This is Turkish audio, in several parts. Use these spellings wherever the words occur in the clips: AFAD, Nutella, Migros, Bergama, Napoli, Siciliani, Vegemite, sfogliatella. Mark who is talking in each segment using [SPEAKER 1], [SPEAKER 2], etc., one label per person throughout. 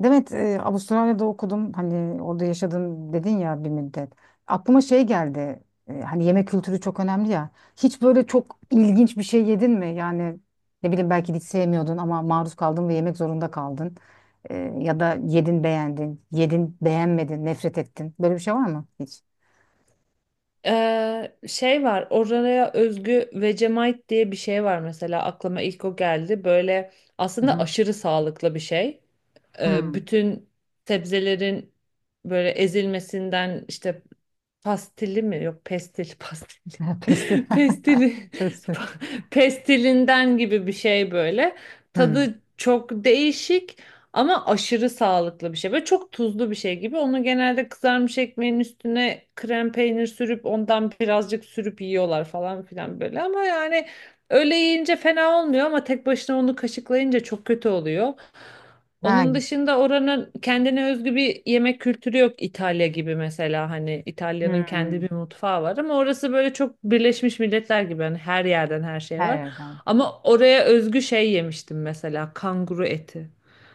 [SPEAKER 1] Demet, Avustralya'da okudum. Hani orada yaşadım dedin ya bir müddet. Aklıma şey geldi. Hani yemek kültürü çok önemli ya. Hiç böyle çok ilginç bir şey yedin mi? Yani ne bileyim, belki hiç sevmiyordun ama maruz kaldın ve yemek zorunda kaldın. Ya da yedin beğendin, yedin beğenmedin, nefret ettin. Böyle bir şey var mı hiç?
[SPEAKER 2] Şey var oraya özgü Vegemite diye bir şey var mesela aklıma ilk o geldi böyle
[SPEAKER 1] Hı
[SPEAKER 2] aslında
[SPEAKER 1] hı.
[SPEAKER 2] aşırı sağlıklı bir şey.
[SPEAKER 1] Hmm.
[SPEAKER 2] Bütün sebzelerin böyle ezilmesinden işte. Pastili mi? Yok, pestil pastili.
[SPEAKER 1] Pestil.
[SPEAKER 2] Pestili
[SPEAKER 1] Pestil.
[SPEAKER 2] pestilinden gibi bir şey böyle.
[SPEAKER 1] Hmm.
[SPEAKER 2] Tadı çok değişik ama aşırı sağlıklı bir şey. Böyle çok tuzlu bir şey gibi. Onu genelde kızarmış ekmeğin üstüne krem peynir sürüp ondan birazcık sürüp yiyorlar falan filan böyle. Ama yani öyle yiyince fena olmuyor ama tek başına onu kaşıklayınca çok kötü oluyor.
[SPEAKER 1] Ha.
[SPEAKER 2] Onun dışında oranın kendine özgü bir yemek kültürü yok, İtalya gibi mesela, hani İtalya'nın kendi
[SPEAKER 1] Hmm.
[SPEAKER 2] bir mutfağı var ama orası böyle çok Birleşmiş Milletler gibi, hani her yerden her şey
[SPEAKER 1] Her
[SPEAKER 2] var.
[SPEAKER 1] yerden.
[SPEAKER 2] Ama oraya özgü şey yemiştim, mesela kanguru eti.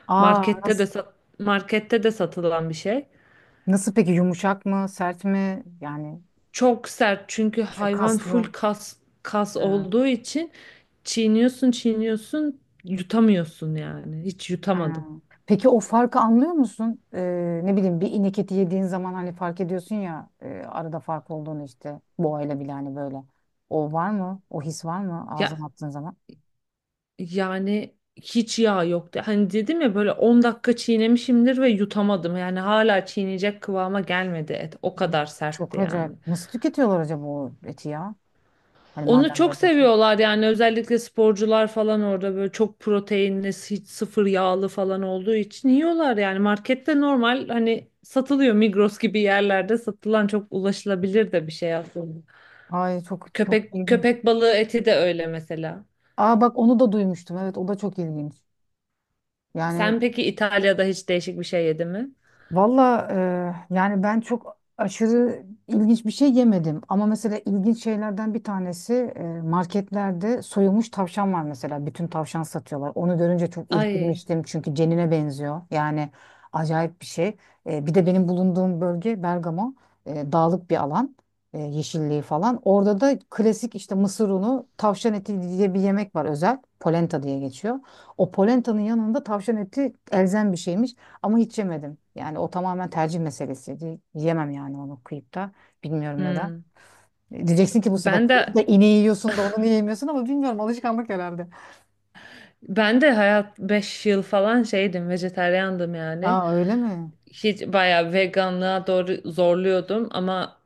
[SPEAKER 1] Aa,
[SPEAKER 2] Markette de
[SPEAKER 1] nasıl?
[SPEAKER 2] sat- markette de satılan bir şey.
[SPEAKER 1] Nasıl peki, yumuşak mı, sert mi? Yani
[SPEAKER 2] Çok sert çünkü
[SPEAKER 1] çünkü
[SPEAKER 2] hayvan full
[SPEAKER 1] kaslı.
[SPEAKER 2] kas, kas
[SPEAKER 1] Evet.
[SPEAKER 2] olduğu için çiğniyorsun, çiğniyorsun, yutamıyorsun yani. Hiç
[SPEAKER 1] Ha.
[SPEAKER 2] yutamadım.
[SPEAKER 1] Peki o farkı anlıyor musun? Ne bileyim, bir inek eti yediğin zaman hani fark ediyorsun ya, arada fark olduğunu işte boğayla bile hani böyle. O var mı? O his var mı ağzına
[SPEAKER 2] Ya,
[SPEAKER 1] attığın zaman?
[SPEAKER 2] yani hiç yağ yoktu. Hani dedim ya, böyle 10 dakika çiğnemişimdir ve yutamadım. Yani hala çiğneyecek kıvama gelmedi et. O
[SPEAKER 1] Hı.
[SPEAKER 2] kadar
[SPEAKER 1] Çok
[SPEAKER 2] sertti
[SPEAKER 1] acayip.
[SPEAKER 2] yani.
[SPEAKER 1] Nasıl tüketiyorlar acaba o eti ya? Hani
[SPEAKER 2] Onu
[SPEAKER 1] madem
[SPEAKER 2] çok
[SPEAKER 1] böyle, şey.
[SPEAKER 2] seviyorlar yani, özellikle sporcular falan orada böyle çok proteinli, hiç sıfır yağlı falan olduğu için yiyorlar yani. Markette normal hani satılıyor, Migros gibi yerlerde satılan çok ulaşılabilir de bir şey aslında.
[SPEAKER 1] Ay çok çok
[SPEAKER 2] Köpek
[SPEAKER 1] ilginç.
[SPEAKER 2] köpek balığı eti de öyle mesela.
[SPEAKER 1] Aa bak, onu da duymuştum. Evet, o da çok ilginç. Yani
[SPEAKER 2] Sen peki İtalya'da hiç değişik bir şey yedin mi?
[SPEAKER 1] valla, yani ben çok aşırı ilginç bir şey yemedim. Ama mesela ilginç şeylerden bir tanesi, marketlerde soyulmuş tavşan var mesela. Bütün tavşan satıyorlar. Onu görünce çok
[SPEAKER 2] Ay.
[SPEAKER 1] irkilmiştim çünkü cenine benziyor. Yani acayip bir şey. Bir de benim bulunduğum bölge Bergama. Dağlık bir alan. Yeşilliği falan. Orada da klasik işte mısır unu, tavşan eti diye bir yemek var özel. Polenta diye geçiyor. O polentanın yanında tavşan eti elzem bir şeymiş. Ama hiç yemedim. Yani o tamamen tercih meselesiydi. Yemem yani onu kıyıp da. Bilmiyorum neden.
[SPEAKER 2] Hmm.
[SPEAKER 1] Diyeceksin ki bu sefer
[SPEAKER 2] Ben
[SPEAKER 1] kıyıp
[SPEAKER 2] de
[SPEAKER 1] da ineği yiyorsun da onu niye yemiyorsun, ama bilmiyorum, alışkanlık herhalde.
[SPEAKER 2] ben de hayat 5 yıl falan şeydim, vejetaryandım yani.
[SPEAKER 1] Aa, öyle mi?
[SPEAKER 2] Hiç bayağı veganlığa doğru zorluyordum ama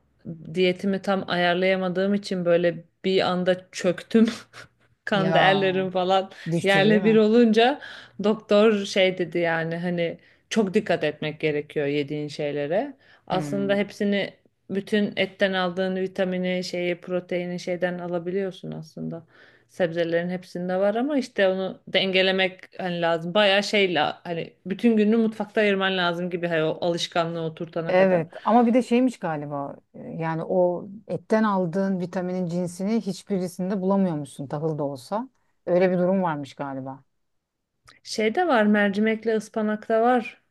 [SPEAKER 2] diyetimi tam ayarlayamadığım için böyle bir anda çöktüm. Kan
[SPEAKER 1] Ya,
[SPEAKER 2] değerlerim falan
[SPEAKER 1] düştü değil
[SPEAKER 2] yerle bir
[SPEAKER 1] mi?
[SPEAKER 2] olunca doktor şey dedi yani, hani çok dikkat etmek gerekiyor yediğin şeylere. Aslında
[SPEAKER 1] Hmm.
[SPEAKER 2] hepsini, bütün etten aldığın vitamini, şeyi, proteini şeyden alabiliyorsun aslında. Sebzelerin hepsinde var ama işte onu dengelemek hani lazım. Bayağı şeyle hani bütün gününü mutfakta ayırman lazım gibi, hani o alışkanlığı oturtana kadar.
[SPEAKER 1] Evet, ama bir de şeymiş galiba, yani o etten aldığın vitaminin cinsini hiçbirisinde bulamıyormuşsun, tahıl da olsa. Öyle bir durum varmış galiba.
[SPEAKER 2] Şey de var, mercimekle ıspanak da var.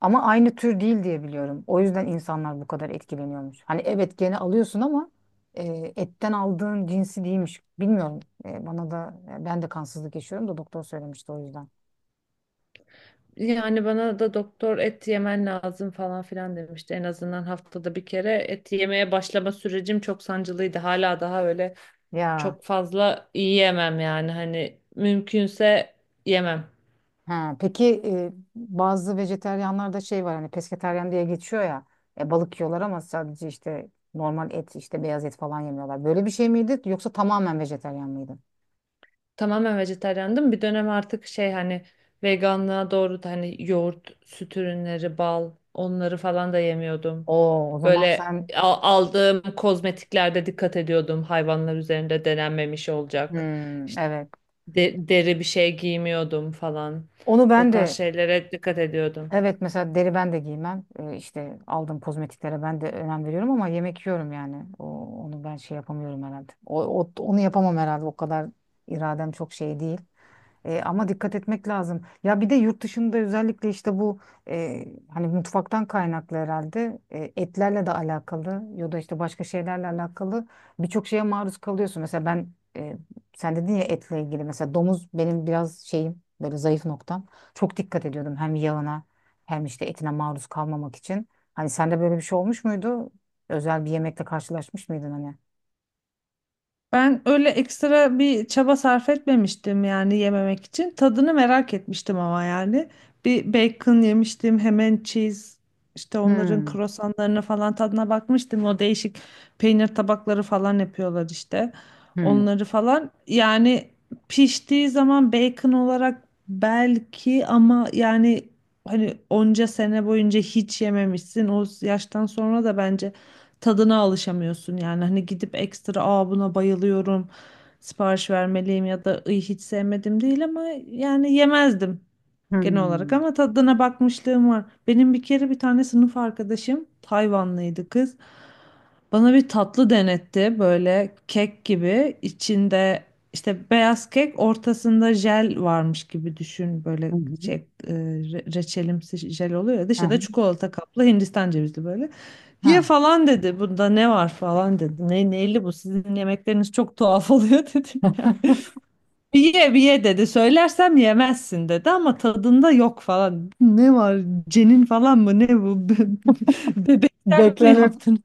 [SPEAKER 1] Ama aynı tür değil diye biliyorum. O yüzden insanlar bu kadar etkileniyormuş. Hani evet, gene alıyorsun ama e, etten aldığın cinsi değilmiş. Bilmiyorum. Bana da, ben de kansızlık yaşıyorum da, doktor söylemişti o yüzden.
[SPEAKER 2] Yani bana da doktor et yemen lazım falan filan demişti. En azından haftada bir kere et yemeye başlama sürecim çok sancılıydı. Hala daha öyle
[SPEAKER 1] Ya.
[SPEAKER 2] çok fazla yiyemem yani, hani mümkünse yemem.
[SPEAKER 1] Ha peki, bazı vejetaryenlarda şey var, hani pesketaryen diye geçiyor ya. Balık yiyorlar ama sadece, işte normal et, işte beyaz et falan yemiyorlar. Böyle bir şey miydi yoksa tamamen vejetaryen mıydın?
[SPEAKER 2] Tamamen vejetaryandım. Bir dönem artık şey hani, veganlığa doğru da, hani yoğurt, süt ürünleri, bal, onları falan da yemiyordum.
[SPEAKER 1] Oo, o zaman
[SPEAKER 2] Böyle
[SPEAKER 1] sen.
[SPEAKER 2] aldığım kozmetiklerde dikkat ediyordum. Hayvanlar üzerinde denenmemiş olacak.
[SPEAKER 1] Hmm,
[SPEAKER 2] İşte
[SPEAKER 1] evet.
[SPEAKER 2] deri bir şey giymiyordum falan.
[SPEAKER 1] Onu
[SPEAKER 2] O
[SPEAKER 1] ben
[SPEAKER 2] tarz
[SPEAKER 1] de.
[SPEAKER 2] şeylere dikkat ediyordum.
[SPEAKER 1] Evet, mesela deri ben de giymem. İşte aldığım kozmetiklere ben de önem veriyorum ama yemek yiyorum yani. Onu ben şey yapamıyorum herhalde. Onu yapamam herhalde. O kadar iradem çok şey değil. Ama dikkat etmek lazım. Ya bir de yurt dışında özellikle işte bu, e, hani mutfaktan kaynaklı herhalde, etlerle de alakalı ya da işte başka şeylerle alakalı birçok şeye maruz kalıyorsun. Mesela ben, sen dedin ya etle ilgili, mesela domuz benim biraz şeyim, böyle zayıf noktam. Çok dikkat ediyordum hem yağına hem işte etine maruz kalmamak için. Hani sende böyle bir şey olmuş muydu? Özel bir yemekle karşılaşmış mıydın hani?
[SPEAKER 2] Ben öyle ekstra bir çaba sarf etmemiştim yani yememek için. Tadını merak etmiştim ama yani. Bir bacon yemiştim, ham and cheese, işte onların
[SPEAKER 1] Hmm,
[SPEAKER 2] krosanlarını falan tadına bakmıştım. O değişik peynir tabakları falan yapıyorlar işte.
[SPEAKER 1] hmm,
[SPEAKER 2] Onları falan. Yani piştiği zaman bacon olarak belki ama yani, hani onca sene boyunca hiç yememişsin. O yaştan sonra da bence tadına alışamıyorsun yani, hani gidip ekstra "aa buna bayılıyorum, sipariş vermeliyim" ya da "Iy, hiç sevmedim" değil ama yani yemezdim genel olarak,
[SPEAKER 1] hmm.
[SPEAKER 2] ama tadına bakmışlığım var. Benim bir kere bir tane sınıf arkadaşım Tayvanlıydı, kız. Bana bir tatlı denetti böyle, kek gibi içinde işte beyaz kek, ortasında jel varmış gibi düşün,
[SPEAKER 1] Hı
[SPEAKER 2] böyle
[SPEAKER 1] hı,
[SPEAKER 2] şey, reçelimsi jel oluyor ya,
[SPEAKER 1] hı
[SPEAKER 2] dışı da
[SPEAKER 1] hı.
[SPEAKER 2] çikolata kaplı, Hindistan cevizli böyle. Ye
[SPEAKER 1] Hı.
[SPEAKER 2] falan dedi. Bunda ne var falan dedi. Ne neyli bu? Sizin yemekleriniz çok tuhaf oluyor dedim ya. Bir ye, bir ye dedi. Söylersem yemezsin dedi ama tadında yok falan. Ne var? Cenin falan mı? Ne bu? Bebekten mi
[SPEAKER 1] Beklenir.
[SPEAKER 2] yaptın?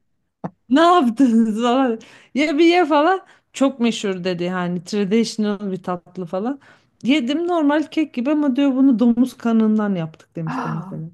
[SPEAKER 2] Ne yaptınız falan. Ye bir ye falan. Çok meşhur dedi. Hani traditional bir tatlı falan. Yedim, normal kek gibi ama, diyor bunu domuz kanından yaptık demişti
[SPEAKER 1] Ah,
[SPEAKER 2] mesela.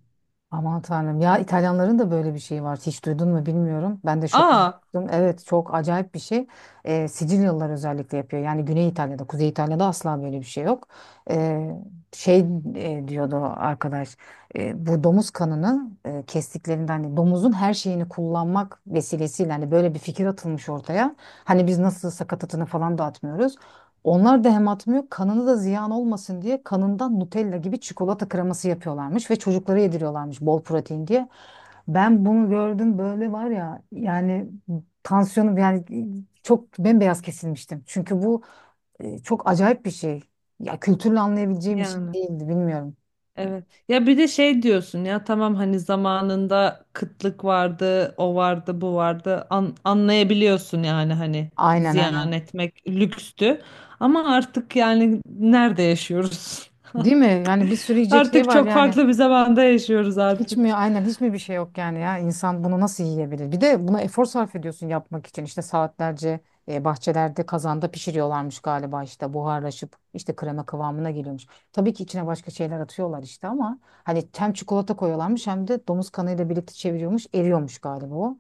[SPEAKER 1] aman tanrım ya, İtalyanların da böyle bir şeyi var. Hiç duydun mu bilmiyorum. Ben de şok oldum.
[SPEAKER 2] Aa
[SPEAKER 1] Evet, çok acayip bir şey. Sicilyalılar özellikle yapıyor. Yani Güney İtalya'da, Kuzey İtalya'da asla böyle bir şey yok. Ee, şey Diyordu arkadaş, bu domuz kanını, kestiklerinde hani domuzun her şeyini kullanmak vesilesiyle hani böyle bir fikir atılmış ortaya. Hani biz nasıl sakatatını falan dağıtmıyoruz. Onlar da hem atmıyor, kanını da ziyan olmasın diye kanından Nutella gibi çikolata kreması yapıyorlarmış ve çocuklara yediriyorlarmış bol protein diye. Ben bunu gördüm böyle var ya yani, tansiyonum yani çok bembeyaz kesilmiştim. Çünkü bu, çok acayip bir şey. Ya kültürle anlayabileceğim bir şey
[SPEAKER 2] yani.
[SPEAKER 1] değildi, bilmiyorum.
[SPEAKER 2] Evet. Ya bir de şey diyorsun ya, tamam hani zamanında kıtlık vardı, o vardı, bu vardı. Anlayabiliyorsun yani, hani
[SPEAKER 1] Aynen, aynen.
[SPEAKER 2] ziyan etmek lükstü. Ama artık yani nerede yaşıyoruz?
[SPEAKER 1] Değil mi?
[SPEAKER 2] Artık,
[SPEAKER 1] Yani bir sürü yiyecek şey
[SPEAKER 2] artık
[SPEAKER 1] var
[SPEAKER 2] çok
[SPEAKER 1] yani.
[SPEAKER 2] farklı bir zamanda yaşıyoruz
[SPEAKER 1] Hiç
[SPEAKER 2] artık.
[SPEAKER 1] mi, aynen hiç mi bir şey yok yani, ya insan bunu nasıl yiyebilir? Bir de buna efor sarf ediyorsun yapmak için işte saatlerce, bahçelerde kazanda pişiriyorlarmış galiba, işte buharlaşıp işte krema kıvamına geliyormuş. Tabii ki içine başka şeyler atıyorlar işte, ama hani hem çikolata koyuyorlarmış hem de domuz kanıyla birlikte çeviriyormuş, eriyormuş galiba o.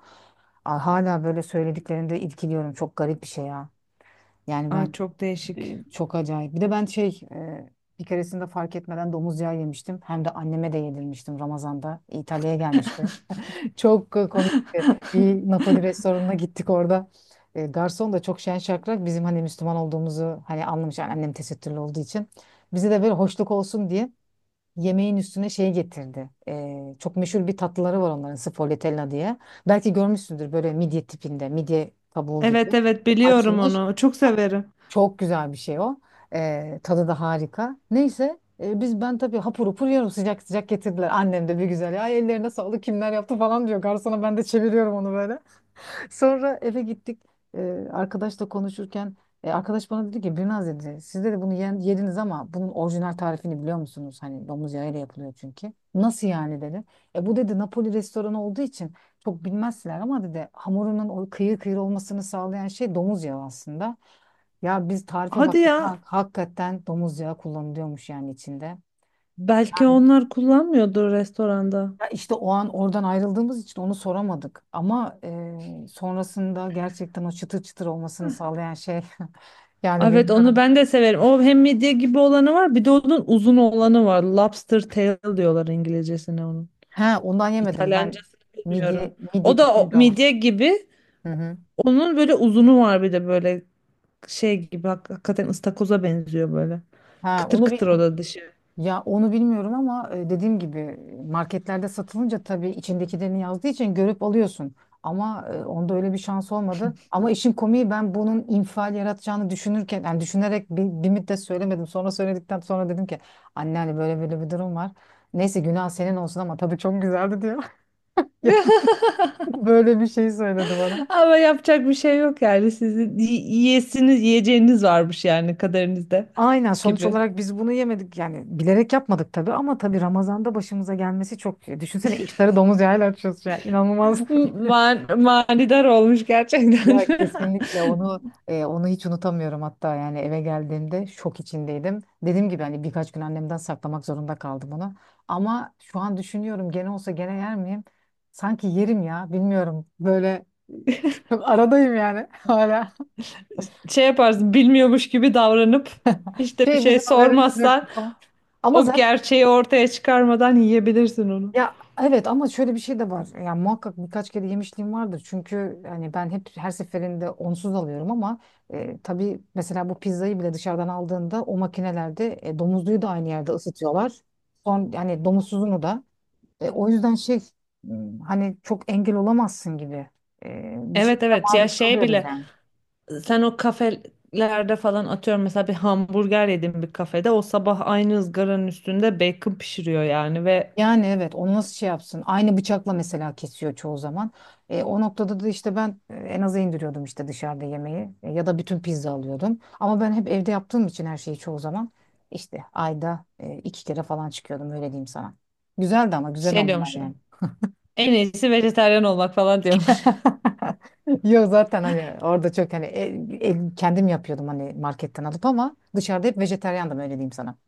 [SPEAKER 1] Aa, hala böyle söylediklerinde irkiliyorum, çok garip bir şey ya. Yani
[SPEAKER 2] Ay
[SPEAKER 1] ben,
[SPEAKER 2] çok değişik.
[SPEAKER 1] çok acayip. Bir de ben şey, bir keresinde fark etmeden domuz yağı yemiştim. Hem de anneme de yedirmiştim Ramazan'da. İtalya'ya gelmişti. Çok komikti. Bir Napoli restoranına gittik orada. Garson da çok şen şakrak, bizim hani Müslüman olduğumuzu hani anlamış, yani annem tesettürlü olduğu için. Bize de böyle hoşluk olsun diye yemeğin üstüne şey getirdi. Çok meşhur bir tatlıları var onların, sfogliatella diye. Belki görmüşsündür, böyle midye tipinde, midye kabuğu gibi.
[SPEAKER 2] Evet, evet biliyorum
[SPEAKER 1] Açılmış
[SPEAKER 2] onu. Çok severim.
[SPEAKER 1] çok güzel bir şey o. Tadı da harika. Neyse, biz, ben tabii hapur hapur yiyorum, sıcak sıcak getirdiler. Annem de bir güzel, ay ellerine sağlık kimler yaptı falan diyor. Garsona ben de çeviriyorum onu böyle. Sonra eve gittik. Arkadaşla konuşurken, arkadaş bana dedi ki, Birnaz dedi siz dedi bunu yediniz ama bunun orijinal tarifini biliyor musunuz? Hani domuz yağıyla yapılıyor çünkü. Nasıl yani dedi. Bu dedi Napoli restoranı olduğu için çok bilmezler, ama dedi hamurunun o kıyır kıyır olmasını sağlayan şey domuz yağı aslında. Ya biz tarife
[SPEAKER 2] Hadi
[SPEAKER 1] baktık.
[SPEAKER 2] ya.
[SPEAKER 1] Hakikaten domuz yağı kullanılıyormuş yani içinde.
[SPEAKER 2] Belki onlar kullanmıyordur restoranda.
[SPEAKER 1] Ya işte o an oradan ayrıldığımız için onu soramadık. Ama, sonrasında gerçekten o çıtır çıtır olmasını sağlayan şey yani
[SPEAKER 2] Evet, onu
[SPEAKER 1] bilmiyorum.
[SPEAKER 2] ben de severim. O hem midye gibi olanı var, bir de onun uzun olanı var. Lobster tail diyorlar İngilizcesine onun.
[SPEAKER 1] He, ondan yemedim ben,
[SPEAKER 2] İtalyancasını bilmiyorum.
[SPEAKER 1] midye midye
[SPEAKER 2] O da o,
[SPEAKER 1] tipiydi ama.
[SPEAKER 2] midye gibi.
[SPEAKER 1] Hı hı.
[SPEAKER 2] Onun böyle uzunu var, bir de böyle şey gibi, hakikaten ıstakoza benziyor böyle.
[SPEAKER 1] Ha,
[SPEAKER 2] Kıtır
[SPEAKER 1] onu
[SPEAKER 2] kıtır o
[SPEAKER 1] bilmiyorum.
[SPEAKER 2] da dışı.
[SPEAKER 1] Ya onu bilmiyorum ama, dediğim gibi marketlerde satılınca tabii içindekilerini yazdığı için görüp alıyorsun. Ama, onda öyle bir şans olmadı. Ama işin komiği, ben bunun infial yaratacağını düşünürken, yani düşünerek bir müddet söylemedim. Sonra söyledikten sonra dedim ki anne, hani böyle böyle bir durum var. Neyse günah senin olsun ama tabii çok güzeldi diyor. Ya, böyle bir şey söyledi bana.
[SPEAKER 2] Ama yapacak bir şey yok yani. Yiyesiniz, yiyeceğiniz varmış yani kaderinizde
[SPEAKER 1] Aynen, sonuç
[SPEAKER 2] gibi.
[SPEAKER 1] olarak biz bunu yemedik yani, bilerek yapmadık tabii, ama tabii Ramazan'da başımıza gelmesi çok, düşünsene iftarı domuz yağıyla açıyorsun ya, inanılmaz.
[SPEAKER 2] Manidar olmuş gerçekten.
[SPEAKER 1] Ya kesinlikle onu, onu hiç unutamıyorum hatta, yani eve geldiğimde şok içindeydim. Dediğim gibi hani birkaç gün annemden saklamak zorunda kaldım onu. Ama şu an düşünüyorum, gene olsa gene yer miyim? Sanki yerim ya, bilmiyorum, böyle e, çok aradayım yani hala.
[SPEAKER 2] Şey yaparsın, bilmiyormuş gibi davranıp hiç de bir
[SPEAKER 1] Şey,
[SPEAKER 2] şey
[SPEAKER 1] bizim haberimiz yok
[SPEAKER 2] sormazsan
[SPEAKER 1] falan. Ama
[SPEAKER 2] o
[SPEAKER 1] zaten.
[SPEAKER 2] gerçeği ortaya çıkarmadan yiyebilirsin onu.
[SPEAKER 1] Ya evet ama şöyle bir şey de var. Ya muhakkak birkaç kere yemişliğim vardır. Çünkü hani ben hep her seferinde onsuz alıyorum ama, tabii mesela bu pizzayı bile dışarıdan aldığında o makinelerde, domuzluyu da aynı yerde ısıtıyorlar. Son yani domuzsuzunu da. O yüzden şey, hani çok engel olamazsın gibi. Bir
[SPEAKER 2] Evet,
[SPEAKER 1] şekilde
[SPEAKER 2] evet ya,
[SPEAKER 1] maruz
[SPEAKER 2] şey
[SPEAKER 1] kalıyoruz
[SPEAKER 2] bile,
[SPEAKER 1] yani.
[SPEAKER 2] sen o kafelerde falan, atıyorum mesela bir hamburger yedim bir kafede, o sabah aynı ızgaranın üstünde bacon pişiriyor yani. Ve
[SPEAKER 1] Yani evet, onu nasıl şey yapsın? Aynı bıçakla mesela kesiyor çoğu zaman. O noktada da işte ben, en aza indiriyordum işte dışarıda yemeği. Ya da bütün pizza alıyordum. Ama ben hep evde yaptığım için her şeyi çoğu zaman işte ayda, iki kere falan çıkıyordum öyle diyeyim sana. Güzeldi ama, güzel
[SPEAKER 2] şey
[SPEAKER 1] onlar yani.
[SPEAKER 2] diyormuşum, en iyisi vejetaryen olmak falan diyor.
[SPEAKER 1] Yok zaten hani orada çok hani kendim yapıyordum hani marketten alıp, ama dışarıda hep vejetaryandım öyle diyeyim sana.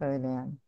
[SPEAKER 1] Öyle yani.